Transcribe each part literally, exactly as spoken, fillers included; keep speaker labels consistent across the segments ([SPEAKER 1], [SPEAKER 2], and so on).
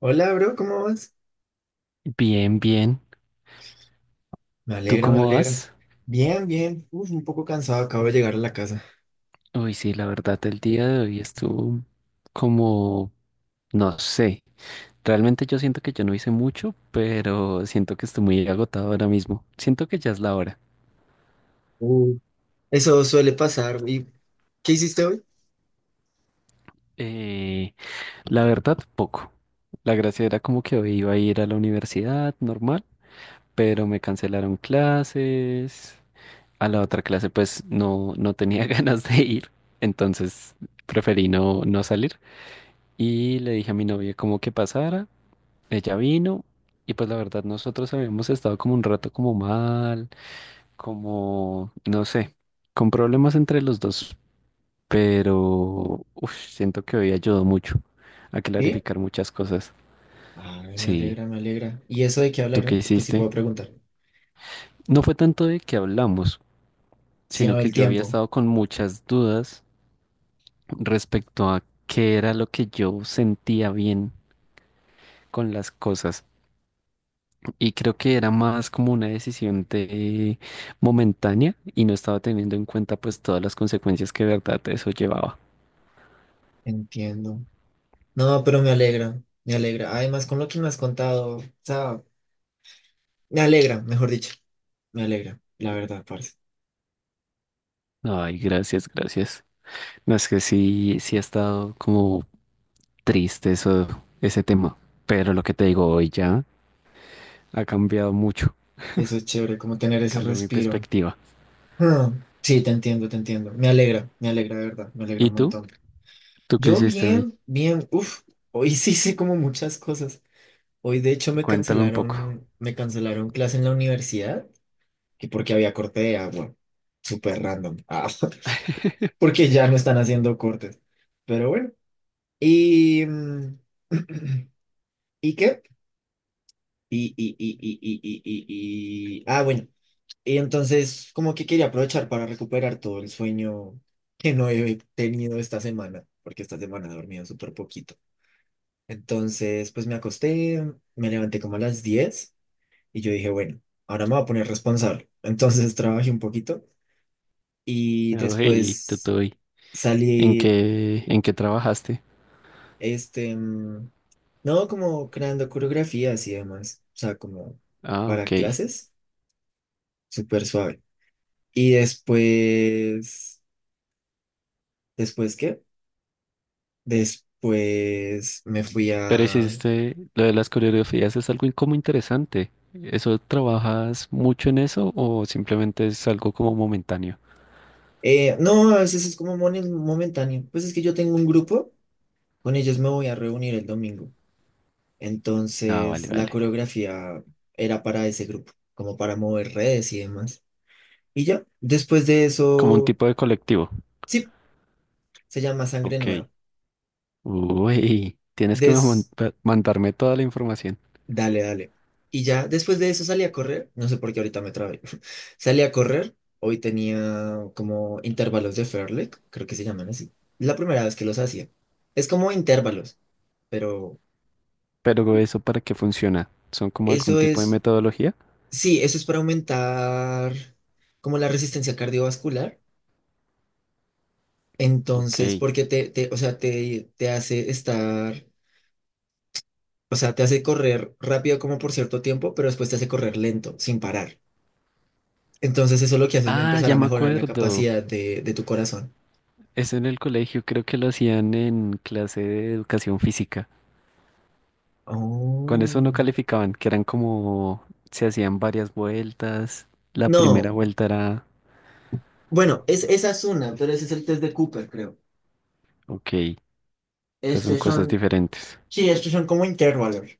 [SPEAKER 1] Hola, bro, ¿cómo vas?
[SPEAKER 2] Bien, bien.
[SPEAKER 1] Me
[SPEAKER 2] ¿Tú
[SPEAKER 1] alegra, me
[SPEAKER 2] cómo
[SPEAKER 1] alegra.
[SPEAKER 2] vas?
[SPEAKER 1] Bien, bien. Uf, un poco cansado, acabo de llegar a la casa.
[SPEAKER 2] Uy, sí, la verdad, el día de hoy estuvo como, no sé. Realmente yo siento que yo no hice mucho, pero siento que estoy muy agotado ahora mismo. Siento que ya es la hora.
[SPEAKER 1] Uh, Eso suele pasar. ¿Y qué hiciste hoy?
[SPEAKER 2] Eh, la verdad, poco. La gracia era como que hoy iba a ir a la universidad normal, pero me cancelaron clases. A la otra clase, pues no, no tenía ganas de ir, entonces preferí no, no salir. Y le dije a mi novia como que pasara, ella vino y pues la verdad nosotros habíamos estado como un rato como mal, como, no sé, con problemas entre los dos, pero uf, siento que hoy ayudó mucho a
[SPEAKER 1] ¿Sí?
[SPEAKER 2] clarificar muchas cosas.
[SPEAKER 1] Ay, me
[SPEAKER 2] Sí,
[SPEAKER 1] alegra, me alegra. ¿Y eso de qué
[SPEAKER 2] ¿tú qué
[SPEAKER 1] hablaron? Pues sí puedo
[SPEAKER 2] hiciste?
[SPEAKER 1] preguntar.
[SPEAKER 2] No fue tanto de que hablamos,
[SPEAKER 1] Si
[SPEAKER 2] sino
[SPEAKER 1] no,
[SPEAKER 2] que
[SPEAKER 1] el
[SPEAKER 2] yo había
[SPEAKER 1] tiempo.
[SPEAKER 2] estado con muchas dudas respecto a qué era lo que yo sentía bien con las cosas. Y creo que era más como una decisión de momentánea y no estaba teniendo en cuenta pues todas las consecuencias que de verdad eso llevaba.
[SPEAKER 1] Entiendo. No, pero me alegra, me alegra. Además, con lo que me has contado, o sea, me alegra, mejor dicho. Me alegra, la verdad, parce.
[SPEAKER 2] Ay, gracias, gracias. No es que sí, sí ha estado como triste eso, ese tema, pero lo que te digo hoy ya ha cambiado mucho,
[SPEAKER 1] Eso es chévere, como tener ese
[SPEAKER 2] cambió mi
[SPEAKER 1] respiro.
[SPEAKER 2] perspectiva.
[SPEAKER 1] Ah, sí, te entiendo, te entiendo. Me alegra, me alegra, de verdad, me alegra
[SPEAKER 2] ¿Y
[SPEAKER 1] un
[SPEAKER 2] tú?
[SPEAKER 1] montón.
[SPEAKER 2] ¿Tú qué
[SPEAKER 1] Yo
[SPEAKER 2] hiciste hoy?
[SPEAKER 1] bien, bien, uff, hoy sí hice como muchas cosas. Hoy de hecho me
[SPEAKER 2] Cuéntame un poco.
[SPEAKER 1] cancelaron, me cancelaron clase en la universidad, que porque había corte de agua, súper random. Ah, porque ya no están haciendo cortes. Pero bueno, y mm, ¿y qué? Y, y, y, y, y, y, y, y- ah, bueno, y entonces como que quería aprovechar para recuperar todo el sueño que no he tenido esta semana, porque esta semana he dormido súper poquito. Entonces, pues me acosté, me levanté como a las diez y yo dije, bueno, ahora me voy a poner responsable. Entonces trabajé un poquito y
[SPEAKER 2] Hey, tú,
[SPEAKER 1] después
[SPEAKER 2] tú, ¿en
[SPEAKER 1] salí,
[SPEAKER 2] qué, en qué trabajaste?
[SPEAKER 1] este, mm, no, como creando coreografías y demás, o sea, como
[SPEAKER 2] Ah,
[SPEAKER 1] para
[SPEAKER 2] ok.
[SPEAKER 1] clases, súper suave. Y después, ¿después qué? Después me fui
[SPEAKER 2] Pero
[SPEAKER 1] a...
[SPEAKER 2] hiciste lo de las coreografías es algo como interesante. ¿Eso trabajas mucho en eso o simplemente es algo como momentáneo?
[SPEAKER 1] eh, no, a veces es como momen- momentáneo. Pues es que yo tengo un grupo, con ellos me voy a reunir el domingo.
[SPEAKER 2] Ah, vale,
[SPEAKER 1] Entonces, la
[SPEAKER 2] vale.
[SPEAKER 1] coreografía era para ese grupo, como para mover redes y demás. Y ya, después de
[SPEAKER 2] Como un
[SPEAKER 1] eso,
[SPEAKER 2] tipo de colectivo.
[SPEAKER 1] sí, se llama Sangre
[SPEAKER 2] Ok.
[SPEAKER 1] Nueva.
[SPEAKER 2] Uy, tienes que me
[SPEAKER 1] Des,
[SPEAKER 2] monta- mandarme toda la información.
[SPEAKER 1] dale, dale. Y ya, después de eso salí a correr, no sé por qué ahorita me trabé. Salí a correr, hoy tenía como intervalos de Fairlek, creo que se llaman así. La primera vez que los hacía. Es como intervalos, pero
[SPEAKER 2] ¿Pero eso para qué funciona? ¿Son como algún
[SPEAKER 1] eso
[SPEAKER 2] tipo de
[SPEAKER 1] es,
[SPEAKER 2] metodología?
[SPEAKER 1] sí, eso es para aumentar como la resistencia cardiovascular. Entonces,
[SPEAKER 2] Ok.
[SPEAKER 1] porque te, te, o sea, te, te hace estar, o sea, te hace correr rápido como por cierto tiempo, pero después te hace correr lento, sin parar. Entonces, eso lo que hace es
[SPEAKER 2] Ah,
[SPEAKER 1] empezar
[SPEAKER 2] ya
[SPEAKER 1] a
[SPEAKER 2] me
[SPEAKER 1] mejorar la
[SPEAKER 2] acuerdo.
[SPEAKER 1] capacidad de, de tu corazón.
[SPEAKER 2] Eso en el colegio creo que lo hacían en clase de educación física. Con eso no
[SPEAKER 1] Oh.
[SPEAKER 2] calificaban, que eran como, se hacían varias vueltas. La primera
[SPEAKER 1] No.
[SPEAKER 2] vuelta era,
[SPEAKER 1] Bueno, es, esa es una, pero ese es el test de Cooper, creo.
[SPEAKER 2] ok, esas son
[SPEAKER 1] Estos
[SPEAKER 2] cosas
[SPEAKER 1] son,
[SPEAKER 2] diferentes.
[SPEAKER 1] sí, estos son como intervalos.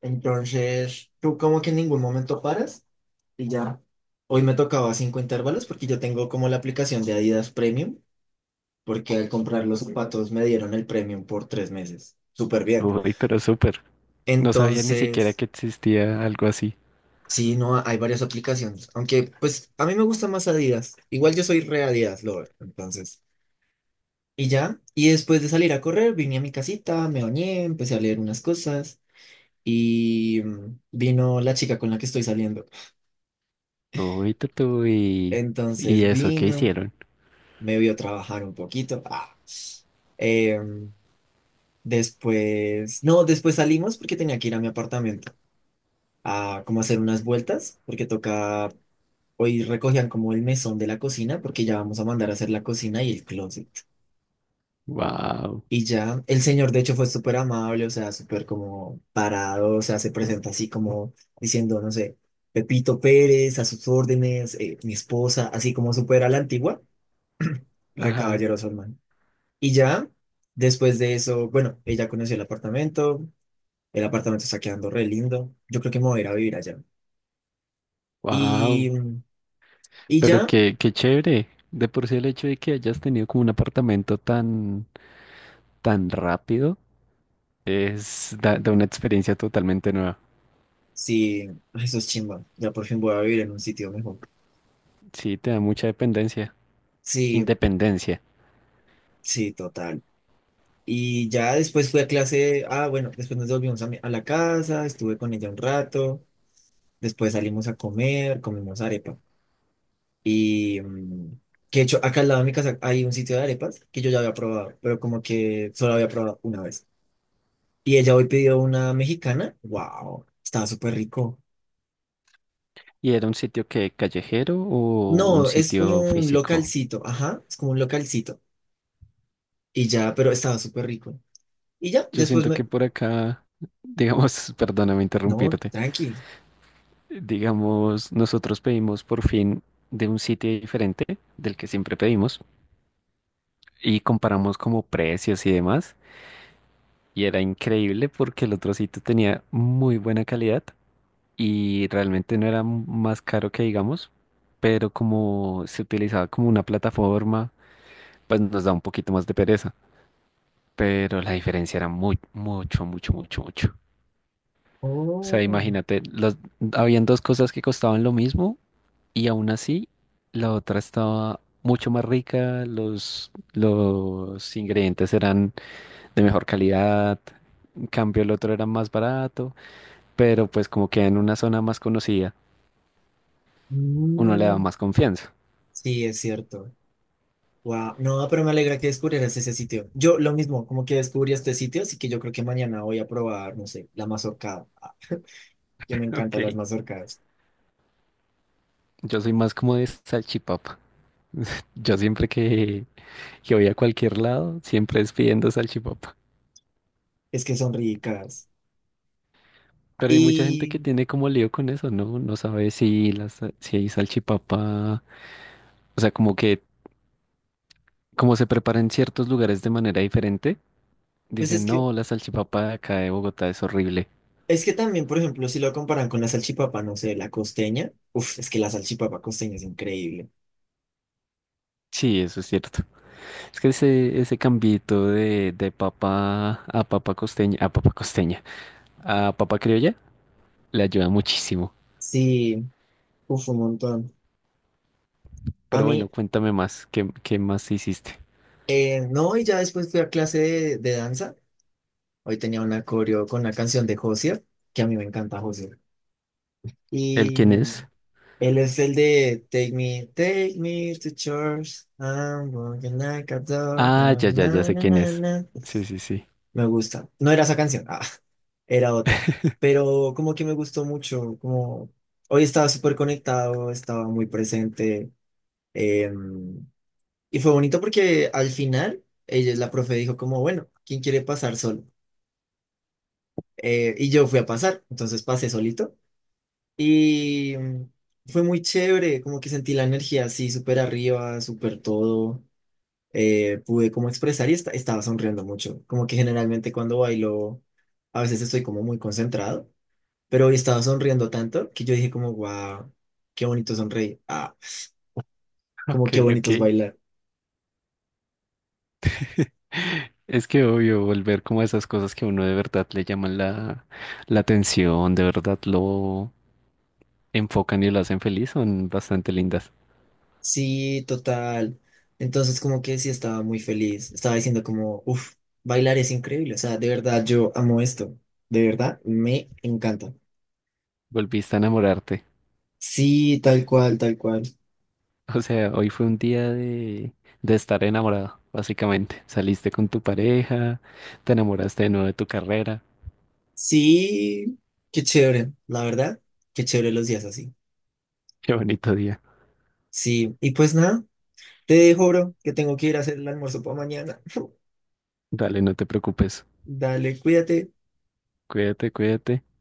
[SPEAKER 1] Entonces, tú como que en ningún momento paras y ya. Hoy me tocaba cinco intervalos porque yo tengo como la aplicación de Adidas Premium, porque al comprar los zapatos me dieron el premium por tres meses. Súper bien.
[SPEAKER 2] Uy, pero súper. No sabía ni siquiera
[SPEAKER 1] Entonces,
[SPEAKER 2] que existía algo así.
[SPEAKER 1] sí, no, hay varias aplicaciones. Aunque, pues, a mí me gusta más Adidas. Igual yo soy re Adidas lover, entonces. Y ya, y después de salir a correr, vine a mi casita, me bañé, empecé a leer unas cosas y mm, vino la chica con la que estoy saliendo.
[SPEAKER 2] Uy, tutu, y, y
[SPEAKER 1] Entonces
[SPEAKER 2] eso, ¿qué
[SPEAKER 1] vino,
[SPEAKER 2] hicieron?
[SPEAKER 1] me vio trabajar un poquito. Ah. Em, después, no, después salimos porque tenía que ir a mi apartamento, a como hacer unas vueltas, porque toca, hoy recogían como el mesón de la cocina, porque ya vamos a mandar a hacer la cocina y el closet.
[SPEAKER 2] Wow.
[SPEAKER 1] Y ya, el señor de hecho fue súper amable, o sea, súper como parado, o sea, se presenta así como diciendo, no sé, Pepito Pérez, a sus órdenes, eh, mi esposa, así como súper a la antigua, re
[SPEAKER 2] Ajá.
[SPEAKER 1] caballeroso, hermano. Y ya, después de eso, bueno, ella conoció el apartamento, el apartamento está quedando re lindo, yo creo que me voy a ir a vivir allá.
[SPEAKER 2] Wow.
[SPEAKER 1] Y, y
[SPEAKER 2] Pero
[SPEAKER 1] ya,
[SPEAKER 2] qué, qué chévere. De por sí el hecho de que hayas tenido como un apartamento tan, tan rápido es da da una experiencia totalmente nueva.
[SPEAKER 1] sí, eso es chimba. Ya por fin voy a vivir en un sitio mejor.
[SPEAKER 2] Sí, te da mucha dependencia.
[SPEAKER 1] Sí,
[SPEAKER 2] Independencia.
[SPEAKER 1] sí, total. Y ya después fui a clase. Ah, bueno, después nos volvimos a, mi- a la casa, estuve con ella un rato. Después salimos a comer, comimos arepa. Y mm, que de hecho, acá al lado de mi casa hay un sitio de arepas que yo ya había probado, pero como que solo había probado una vez. Y ella hoy pidió una mexicana. ¡Wow! Estaba súper rico.
[SPEAKER 2] ¿Y era un sitio que callejero o un
[SPEAKER 1] No, es como
[SPEAKER 2] sitio
[SPEAKER 1] un
[SPEAKER 2] físico?
[SPEAKER 1] localcito. Ajá, es como un localcito. Y ya, pero estaba súper rico. Y ya,
[SPEAKER 2] Yo
[SPEAKER 1] después
[SPEAKER 2] siento
[SPEAKER 1] me...
[SPEAKER 2] que por acá, digamos, perdóname
[SPEAKER 1] No,
[SPEAKER 2] interrumpirte,
[SPEAKER 1] tranqui.
[SPEAKER 2] digamos, nosotros pedimos por fin de un sitio diferente del que siempre pedimos y comparamos como precios y demás. Y era increíble porque el otro sitio tenía muy buena calidad y realmente no era más caro que digamos, pero como se utilizaba como una plataforma, pues nos da un poquito más de pereza. Pero la diferencia era muy, mucho, mucho, mucho, mucho. O sea,
[SPEAKER 1] Oh,
[SPEAKER 2] imagínate, los, habían dos cosas que costaban lo mismo y aún así la otra estaba mucho más rica, los, los ingredientes eran de mejor calidad, en cambio el otro era más barato, pero pues como queda en una zona más conocida, uno le da
[SPEAKER 1] mm,
[SPEAKER 2] más confianza.
[SPEAKER 1] sí, es cierto. Wow, no, pero me alegra que descubrieras ese sitio. Yo lo mismo, como que descubrí este sitio, así que yo creo que mañana voy a probar, no sé, la mazorcada. Ah, que me encantan las
[SPEAKER 2] Ok.
[SPEAKER 1] mazorcadas.
[SPEAKER 2] Yo soy más como de salchipapa. Yo siempre que, que voy a cualquier lado, siempre es pidiendo salchipapa.
[SPEAKER 1] Es que son ricas.
[SPEAKER 2] Pero hay mucha gente que
[SPEAKER 1] Y
[SPEAKER 2] tiene como lío con eso, ¿no? No sabe si las, si hay salchipapa, o sea, como que como se prepara en ciertos lugares de manera diferente,
[SPEAKER 1] pues es
[SPEAKER 2] dicen,
[SPEAKER 1] que,
[SPEAKER 2] no, la salchipapa de acá de Bogotá es horrible.
[SPEAKER 1] es que también, por ejemplo, si lo comparan con la salchipapa, no sé, la costeña. Uf, es que la salchipapa costeña es increíble.
[SPEAKER 2] Sí, eso es cierto. Es que ese, ese cambito de, de papa a papa costeña, a papa costeña, a papa criolla, le ayuda muchísimo.
[SPEAKER 1] Sí, uf, un montón. A
[SPEAKER 2] Pero
[SPEAKER 1] mí,
[SPEAKER 2] bueno, cuéntame más, ¿qué, qué más hiciste?
[SPEAKER 1] eh, no, y ya después fui a clase de de danza. Hoy tenía una coreo con una canción de Josier, que a mí me encanta Josier.
[SPEAKER 2] ¿El
[SPEAKER 1] Y
[SPEAKER 2] quién es?
[SPEAKER 1] él es el de Take me, take me to church. I'm walking like a dog. Na,
[SPEAKER 2] Ah, ya, ya, ya
[SPEAKER 1] na,
[SPEAKER 2] sé
[SPEAKER 1] na,
[SPEAKER 2] quién
[SPEAKER 1] na,
[SPEAKER 2] es.
[SPEAKER 1] na.
[SPEAKER 2] Sí, sí, sí.
[SPEAKER 1] Me gusta. No era esa canción, ah, era otra. Pero como que me gustó mucho, como hoy estaba súper conectado, estaba muy presente. em, y fue bonito porque al final ella, la profe dijo como, bueno, ¿quién quiere pasar solo? Eh, y yo fui a pasar, entonces pasé solito. Y mm, fue muy chévere, como que sentí la energía así, súper arriba, súper todo. Eh, pude como expresar y esta- estaba sonriendo mucho. Como que generalmente cuando bailo, a veces estoy como muy concentrado, pero hoy estaba sonriendo tanto que yo dije como, wow, qué bonito sonreír. Ah,
[SPEAKER 2] Ok,
[SPEAKER 1] como qué
[SPEAKER 2] ok.
[SPEAKER 1] bonito es bailar.
[SPEAKER 2] Es que obvio, volver como a esas cosas que a uno de verdad le llaman la, la atención, de verdad lo enfocan y lo hacen feliz, son bastante lindas.
[SPEAKER 1] Sí, total. Entonces como que sí estaba muy feliz. Estaba diciendo como, uff, bailar es increíble. O sea, de verdad yo amo esto. De verdad, me encanta.
[SPEAKER 2] Volviste a enamorarte.
[SPEAKER 1] Sí, tal cual, tal cual.
[SPEAKER 2] O sea, hoy fue un día de, de estar enamorado, básicamente. Saliste con tu pareja, te enamoraste de nuevo de tu carrera.
[SPEAKER 1] Sí, qué chévere, la verdad, qué chévere los días así.
[SPEAKER 2] Qué bonito día.
[SPEAKER 1] Sí, y pues nada, te dejo, bro, que tengo que ir a hacer el almuerzo para mañana.
[SPEAKER 2] Dale, no te preocupes.
[SPEAKER 1] Dale, cuídate.
[SPEAKER 2] Cuídate, cuídate.